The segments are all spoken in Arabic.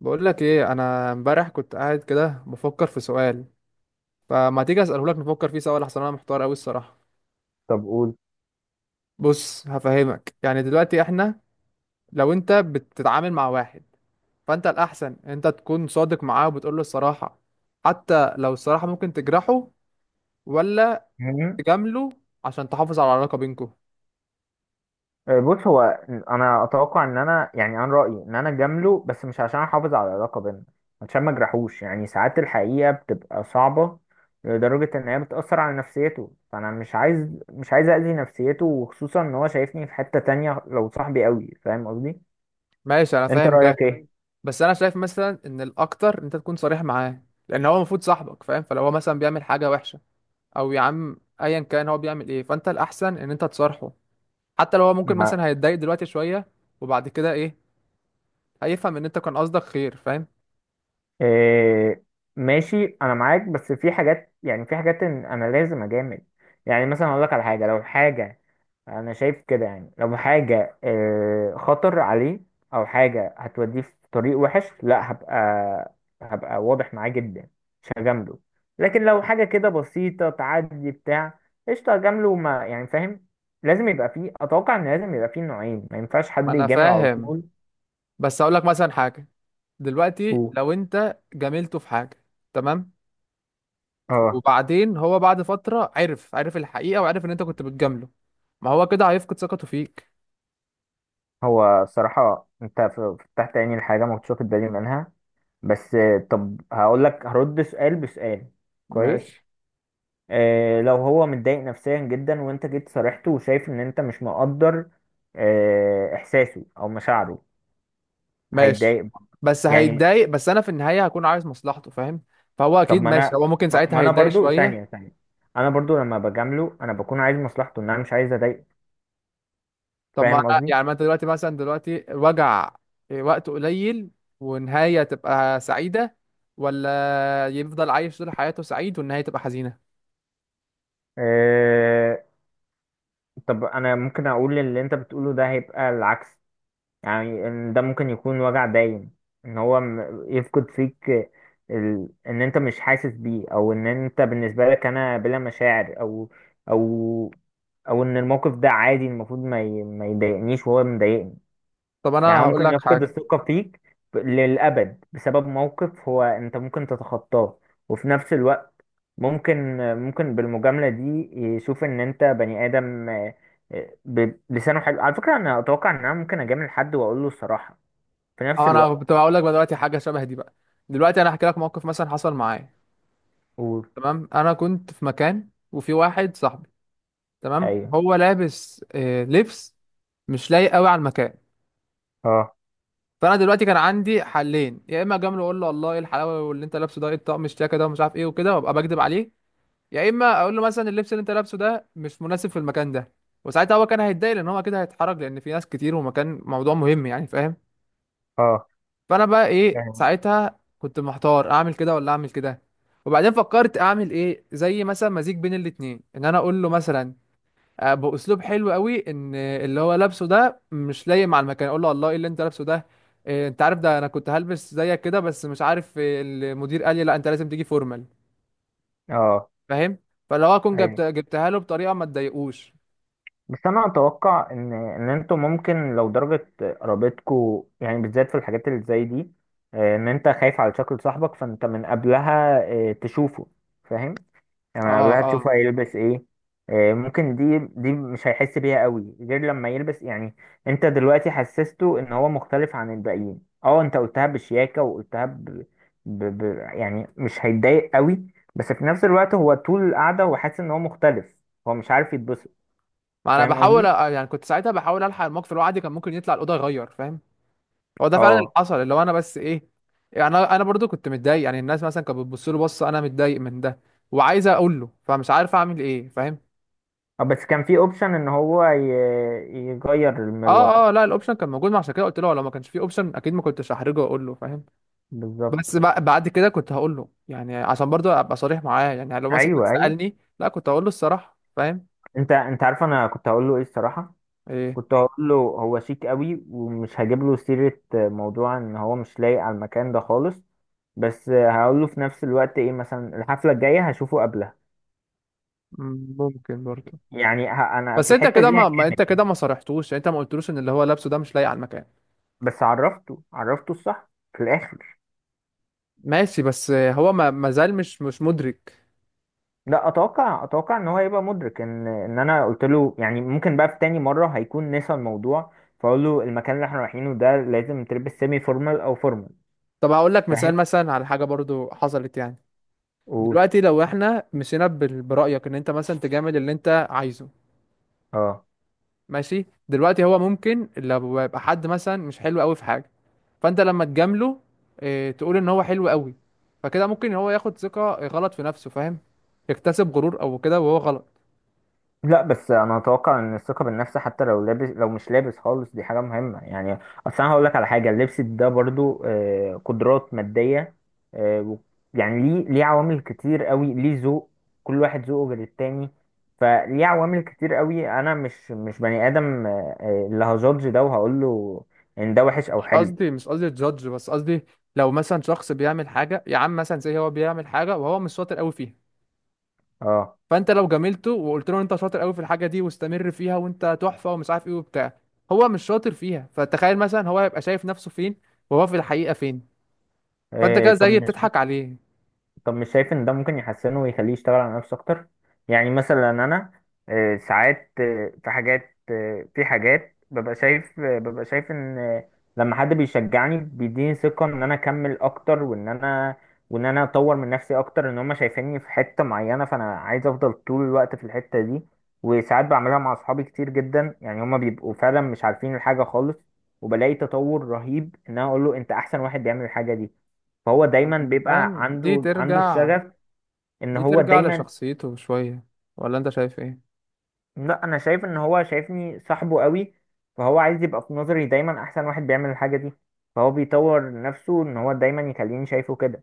بقول لك ايه، انا امبارح كنت قاعد كده بفكر في سؤال. فما تيجي اساله لك نفكر فيه سوا، لحسن انا محتار قوي الصراحه. طب قول. بص هفهمك. يعني دلوقتي احنا لو انت بتتعامل مع واحد، فانت الاحسن انت تكون صادق معاه وبتقول له الصراحه حتى لو الصراحه ممكن تجرحه، ولا مهم. تجامله عشان تحافظ على العلاقه بينكم؟ آه، بص هو، انا اتوقع ان انا يعني انا رايي ان انا اجامله، بس مش عشان احافظ على العلاقه بينا، عشان ما اجرحوش. يعني ساعات الحقيقه بتبقى صعبه لدرجه ان هي بتاثر على نفسيته، فانا مش عايز اذي نفسيته، وخصوصا ان هو شايفني في حته تانية لو صاحبي قوي. فاهم قصدي؟ ماشي، انا انت فاهم ده. رايك ايه؟ بس انا شايف مثلا ان الاكتر انت تكون صريح معاه، لان هو المفروض صاحبك فاهم. فلو هو مثلا بيعمل حاجه وحشه، او يا عم ايا كان هو بيعمل ايه، فانت الاحسن ان انت تصارحه حتى لو هو ممكن ما مثلا هيتضايق دلوقتي شويه. وبعد كده ايه؟ هيفهم ان انت كان قصدك خير، فاهم؟ إيه، ماشي، انا معاك، بس في حاجات، يعني في حاجات إن انا لازم اجامل. يعني مثلا اقول لك على حاجه، لو الحاجه انا شايف كده، يعني لو حاجه خطر عليه، او حاجه هتوديه في طريق وحش، لا، هبقى واضح معاه جدا، مش هجامله. لكن لو حاجه كده بسيطه تعدي بتاع، قشطه، هجامله، ما يعني فاهم. لازم يبقى فيه، اتوقع ان لازم يبقى فيه نوعين، ما ينفعش ما حد انا يجامل على فاهم. طول بس اقول لك مثلا حاجه. دلوقتي و... لو انت جاملته في حاجه، تمام، اه. وبعدين هو بعد فتره عرف عرف الحقيقه وعرف ان انت كنت بتجامله، ما هو كده هيفقد ثقته فيك. هو الصراحه انت فتحت عيني لحاجه ما كنتش واخد بالي منها. بس طب هقول لك، هرد سؤال بسؤال. كويس. ماشي، آه، لو هو متضايق نفسيا جدا، وانت جيت صارحته وشايف ان انت مش مقدر احساسه او مشاعره، ماشي. هيتضايق برضه. بس يعني، هيتضايق بس انا في النهايه هكون عايز مصلحته، فاهم؟ فهو طب اكيد ما ماشي. انا، هو ممكن ما ساعتها ما انا هيتضايق برضو، شويه. ثانية ثانية، انا برضو لما بجامله انا بكون عايز مصلحته، ان انا مش عايز اضايقه. طب ما فاهم قصدي؟ يعني ما انت دلوقتي مثلا، دلوقتي الوجع وقت قليل، ونهاية تبقى سعيدة، ولا يفضل عايش طول حياته سعيد والنهاية تبقى حزينة؟ أه، طب انا ممكن اقول اللي انت بتقوله ده هيبقى العكس. يعني إن ده ممكن يكون وجع باين، ان هو يفقد فيك ان انت مش حاسس بيه، او ان انت بالنسبة لك انا بلا مشاعر، او او او ان الموقف ده عادي، المفروض ما يضايقنيش وهو مضايقني. طب انا يعني هو هقول ممكن لك يفقد حاجة. الثقة فيك للأبد بسبب موقف هو أنت ممكن تتخطاه. وفي نفس الوقت ممكن، بالمجاملة دي يشوف إن أنت بني آدم، بلسانه حلو. على فكرة، أنا أتوقع إن أنا ممكن أجامل حد وأقول له الصراحة في نفس اه، انا الوقت. كنت هقول لك بقى دلوقتي حاجة شبه دي بقى. دلوقتي انا هحكي لك موقف مثلا حصل معايا. قول. تمام. انا كنت في مكان وفي واحد صاحبي، تمام. أيوه. هو لابس لبس مش لايق قوي على المكان. أه، فانا دلوقتي كان عندي حلين: يا اما اجامله اقول له والله ايه الحلاوه، واللي انت لابسه ده ايه الطقم الشياكه ده، ومش عارف ايه وكده، وابقى بكدب عليه. يا اما اقول له مثلا اللبس اللي انت لابسه ده مش مناسب في المكان ده، وساعتها هو كان هيتضايق لان هو كده هيتحرج، لان في ناس كتير ومكان موضوع مهم يعني، فاهم؟ أه. فانا بقى ايه، فاهم. ساعتها كنت محتار اعمل كده ولا اعمل كده. وبعدين فكرت اعمل ايه، زي مثلا مزيج بين الاتنين، ان انا اقول له مثلا باسلوب حلو قوي ان اللي هو لابسه ده مش لايق مع المكان. اقول له والله ايه اللي انت لابسه ده، إيه، انت عارف ده، انا كنت هلبس زيك كده، بس مش عارف إيه، المدير قال لي لا انت لازم تيجي فورمال، أه، فاهم؟ فلو اكون أيوه، جبتها له بطريقه ما تضايقوش. بس انا اتوقع ان انتوا ممكن لو درجه قرابتكوا، يعني بالذات في الحاجات اللي زي دي، ان انت خايف على شكل صاحبك، فانت من قبلها تشوفه. فاهم؟ يعني من اه، قبلها تشوفه اه. هيلبس ايه. ممكن دي مش هيحس بيها قوي غير لما يلبس. يعني انت دلوقتي حسسته ان هو مختلف عن الباقيين، اه، انت قلتها بشياكه، وقلتها ب... ب... يعني مش هيتضايق قوي، بس في نفس الوقت هو طول القعده هو حاسس ان هو مختلف، هو مش عارف يتبسط. ما انا فاهم بحاول قصدي؟ يعني كنت ساعتها بحاول الحق الموقف اللي هو عادي، كان ممكن يطلع الاوضه يغير، فاهم؟ هو ده فعلا اللي اه. حصل، اللي هو انا بس ايه، يعني انا برضو كنت متضايق، يعني الناس مثلا كانت بتبص له بصه، انا متضايق من ده وعايز اقول له فمش عارف اعمل ايه، فاهم؟ آه، بس كان في اوبشن ان هو يغير من الوضع. اه اه، لا، الاوبشن كان موجود، ما عشان كده قلت له. لو ما كانش فيه اوبشن اكيد ما كنتش هحرجه واقول له، فاهم؟ بالظبط. بس بعد كده كنت هقول له، يعني عشان برضو ابقى صريح معاه، يعني لو مثلا كان ايوه، ايوه، سالني لا كنت هقول له الصراحه، فاهم؟ انت عارف، انا كنت هقول له ايه الصراحه، ايه. كنت هقول له هو شيك قوي، ومش هجيب له سيره موضوع ان هو مش لايق على المكان ده خالص، بس هقول له في نفس الوقت ايه، مثلا الحفله الجايه هشوفه قبلها. ممكن برضو. يعني انا في بس انت الحته كده دي ما, ما انت هكمل. كده ما صرحتوش، يعني انت ما قلتلوش ان اللي هو لابسه ده مش لايق على المكان. بس عرفته، عرفته الصح في الاخر. ماشي. بس هو ما زال مش مدرك. لا، اتوقع، ان هو هيبقى مدرك ان انا قلت له، يعني ممكن بقى في تاني مره هيكون نسى الموضوع، فاقول له المكان اللي احنا رايحينه ده لازم تلبس سيمي فورمال او فورمال. طب هقول لك فاهم؟ مثال مثلا على حاجه برضو حصلت يعني. قول. دلوقتي لو احنا مشينا برايك ان انت مثلا تجامل اللي انت عايزه، اه. ماشي. دلوقتي هو ممكن لو يبقى حد مثلا مش حلو قوي في حاجه، فانت لما تجامله اه تقول ان هو حلو قوي، فكده ممكن هو ياخد ثقه غلط في نفسه، فاهم؟ يكتسب غرور او كده، وهو غلط. لا، بس انا اتوقع ان الثقه بالنفس، حتى لو لابس، لو مش لابس خالص، دي حاجه مهمه. يعني اصل انا هقول لك على حاجه، اللبس ده برضو قدرات ماديه، آه، و- يعني ليه، عوامل كتير قوي، ليه ذوق، كل واحد ذوقه غير التاني، فليه عوامل كتير قوي، انا مش بني ادم اللي هجادج ده، وهقول له ان ده وحش او مش حلو. قصدي مش قصدي جادج، بس قصدي لو مثلا شخص بيعمل حاجه يا عم، مثلا زي هو بيعمل حاجه وهو مش شاطر قوي فيها، اه. فانت لو جاملته وقلت له انت شاطر قوي في الحاجه دي واستمر فيها وانت تحفه ومش عارف ايه وبتاع، هو مش شاطر فيها. فتخيل مثلا هو هيبقى شايف نفسه فين وهو في الحقيقه فين. فانت آه، كده طب زي مش بتضحك عليه. طب مش شايف ان ده ممكن يحسنه ويخليه يشتغل على نفسه اكتر؟ يعني مثلا انا، ساعات، في حاجات ببقى شايف ان، لما حد بيشجعني بيديني ثقة ان انا اكمل اكتر، وان انا، اطور من نفسي اكتر، ان هم شايفيني في حتة معينة، فانا عايز افضل طول الوقت في الحتة دي. وساعات بعملها مع اصحابي كتير جدا، يعني هم بيبقوا فعلا مش عارفين الحاجة خالص، وبلاقي تطور رهيب ان انا اقول له انت احسن واحد بيعمل الحاجة دي. فهو دايما يعني، بيبقى فاهم؟ دي عنده، ترجع الشغف ان دي هو ترجع دايما. لشخصيته شويه، ولا انت شايف ايه؟ لا، انا شايف ان هو شايفني صاحبه قوي، فهو عايز يبقى في نظري دايما احسن واحد بيعمل الحاجة دي، فهو بيطور نفسه ان هو دايما يخليني شايفه كده.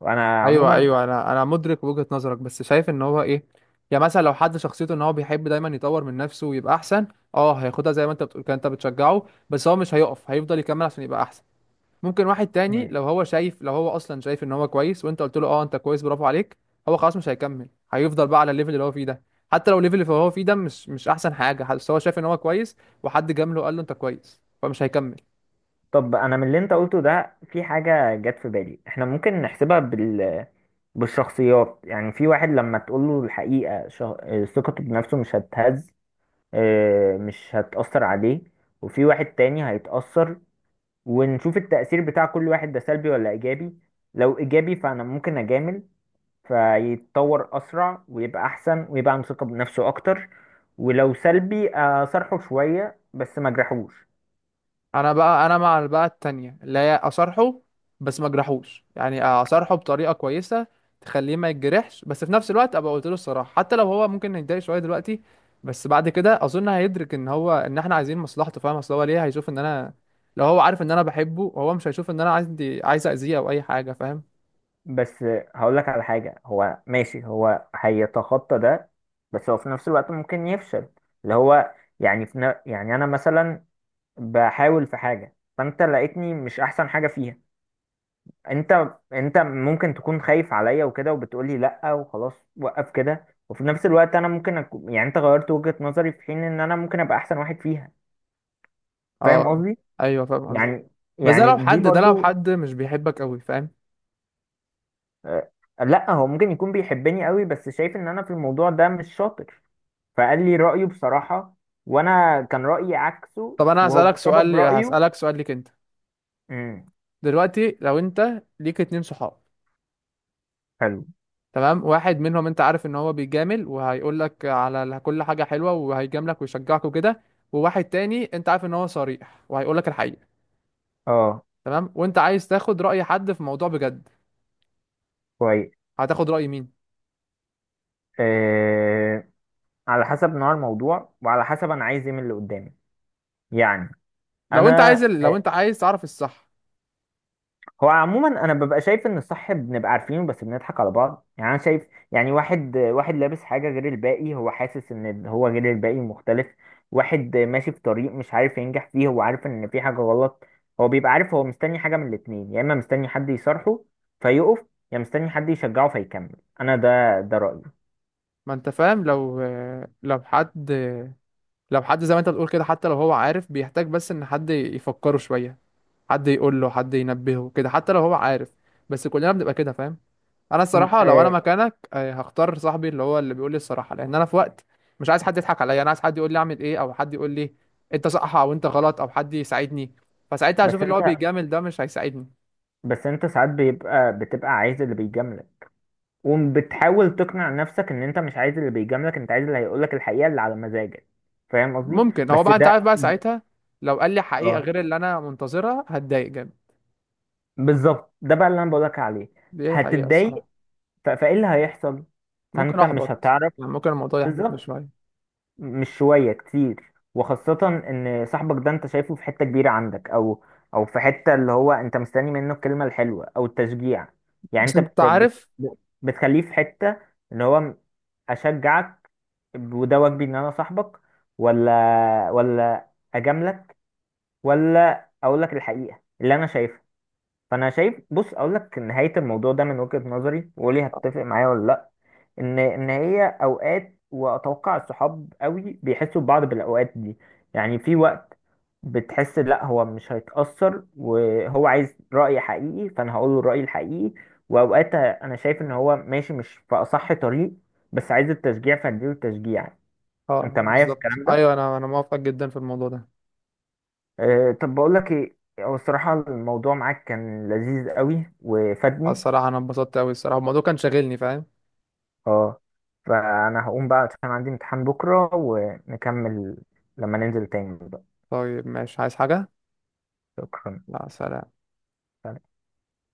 وانا ايوه عموما. ايوه، انا مدرك وجهة نظرك، بس شايف ان هو ايه، يعني مثلا لو حد شخصيته ان هو بيحب دايما يطور من نفسه ويبقى احسن، اه هياخدها زي ما انت بتقول كده. انت بتشجعه بس هو مش هيقف، هيفضل يكمل عشان يبقى احسن. ممكن واحد تاني، مم. لو هو شايف، لو هو اصلا شايف ان هو كويس وانت قلت له اه انت كويس برافو عليك، هو خلاص مش هيكمل، هيفضل بقى على الليفل اللي هو فيه ده، حتى لو الليفل اللي هو فيه ده مش احسن حاجة، بس هو شايف ان هو كويس، وحد جامله وقال له انت كويس، فمش هيكمل. طب انا، من اللي انت قلته ده، في حاجة جت في بالي، احنا ممكن نحسبها بالشخصيات. يعني في واحد لما تقول له الحقيقة شه... آه، ثقته بنفسه مش هتهز، مش هتأثر عليه. وفي واحد تاني هيتأثر. ونشوف التأثير بتاع كل واحد ده سلبي ولا إيجابي. لو إيجابي، فأنا ممكن أجامل فيتطور أسرع، ويبقى أحسن ويبقى عنده ثقة بنفسه أكتر. ولو سلبي، أصارحه شوية بس ما أجرحوش. انا بقى انا مع بقى التانية اللي هي اصارحه بس ما اجرحوش، يعني اصارحه بطريقه كويسه تخليه ما يتجرحش، بس في نفس الوقت ابقى قلت له الصراحه حتى لو هو ممكن يتضايق شويه دلوقتي، بس بعد كده اظن هيدرك ان هو ان احنا عايزين مصلحته، فاهم؟ اصل هو ليه هيشوف ان انا، لو هو عارف ان انا بحبه هو مش هيشوف ان انا عندي عايز اذيه او اي حاجه، فاهم؟ بس هقولك على حاجة، هو ماشي هو هيتخطى ده، بس هو في نفس الوقت ممكن يفشل. اللي هو يعني في يعني أنا مثلا بحاول في حاجة فأنت لقيتني مش أحسن حاجة فيها. انت ممكن تكون خايف عليا وكده، وبتقولي لا، وخلاص وقف كده. وفي نفس الوقت انا ممكن أكون، يعني انت غيرت وجهة نظري، في حين ان انا ممكن ابقى احسن واحد فيها. فاهم اه، قصدي؟ ايوه فاهم قصدي. يعني، بس ده لو دي حد ده لو برضو. حد مش بيحبك قوي، فاهم؟ آه، لا، هو ممكن يكون بيحبني قوي، بس شايف ان انا في الموضوع ده مش شاطر، فقال لي رأيه بصراحة، وانا كان رأيي عكسه، طب انا وهو هسالك بسبب سؤال رأيه. هسالك سؤال ليك انت. امم. دلوقتي لو انت ليك اتنين صحاب، حلو. تمام. واحد منهم انت عارف ان هو بيجامل وهيقول لك على كل حاجه حلوه وهيجاملك ويشجعك وكده، وواحد تاني انت عارف ان هو صريح وهيقول لك الحقيقه، اه. تمام، وانت عايز تاخد راي حد في موضوع بجد، كويس. هتاخد راي مين؟ آه، على حسب نوع الموضوع، وعلى حسب انا عايز ايه من اللي قدامي. يعني لو انت انا، عايز ال- لو آه، انت عايز تعرف الصح. هو عموما انا ببقى شايف ان الصح بنبقى عارفينه، بس بنضحك على بعض. يعني انا شايف، يعني واحد لابس حاجه غير الباقي، هو حاسس ان هو غير الباقي مختلف. واحد ماشي في طريق مش عارف ينجح فيه، هو عارف ان في حاجه غلط، هو بيبقى عارف، هو مستني حاجه من الاتنين، يا اما مستني حد يصارحه فيقف، يا مستني حد يشجعه فيكمل. انا ده رأيي. ما انت فاهم، لو حد لو حد زي ما انت بتقول كده، حتى لو هو عارف بيحتاج بس ان حد يفكره شويه، حد يقول له، حد ينبهه كده، حتى لو هو عارف، بس كلنا بنبقى كده، فاهم؟ انا م- الصراحه لو انا آه، مكانك هختار صاحبي اللي هو اللي بيقول لي الصراحه، لان انا في وقت مش عايز حد يضحك عليا، انا عايز حد يقول لي اعمل ايه، او حد يقول لي انت صح او انت غلط، او حد يساعدني. فساعتها هشوف بس اللي انت، هو بيجامل ده مش هيساعدني. ساعات بتبقى عايز اللي بيجاملك، وبتحاول تقنع نفسك ان انت مش عايز اللي بيجاملك، انت عايز اللي هيقولك الحقيقة اللي على مزاجك. فاهم قصدي؟ ممكن هو بس بقى، انت ده عارف بقى، ده- ساعتها لو قال لي حقيقه اه، غير اللي انا منتظرها هتضايق جامد. بالظبط، ده بقى اللي انا بقولك عليه. دي حقيقه هتتضايق. الصراحه. فايه اللي هيحصل؟ ممكن فانت مش احبط، هتعرف. يعني ممكن الموضوع يحبطني بالظبط. شويه. مش شوية، كتير، وخاصة ان صاحبك ده انت شايفه في حتة كبيرة عندك، او في حتة اللي هو انت مستني منه الكلمة الحلوة او التشجيع. يعني بس انت انت بت بت عارف. بتخليه في حتة ان هو اشجعك، وده واجبي ان انا صاحبك، ولا، ولا اجاملك، ولا اقول لك الحقيقة اللي انا شايفها. فانا شايف، بص اقول لك نهاية الموضوع ده من وجهة نظري، وقولي هتتفق معايا ولا لا. ان هي اوقات، واتوقع الصحاب قوي بيحسوا ببعض بالاوقات دي، يعني في وقت بتحس لا، هو مش هيتأثر وهو عايز رأي حقيقي، فانا هقول له الرأي الحقيقي. واوقات انا شايف ان هو ماشي مش في اصح طريق، بس عايز التشجيع، فاديله التشجيع. اه، انت معايا في بالظبط. الكلام ده؟ ايوه، انا موافق جدا في الموضوع ده. أه، طب بقول لك ايه، هو الصراحة الموضوع معاك كان لذيذ قوي وفادني. الصراحة أنا اتبسطت أوي. الصراحة الموضوع كان شاغلني، فاهم؟ اه، فانا هقوم بقى عشان عندي امتحان بكرة ونكمل لما ننزل تاني. طيب ماشي، عايز حاجة؟ شكرا. لا، سلام.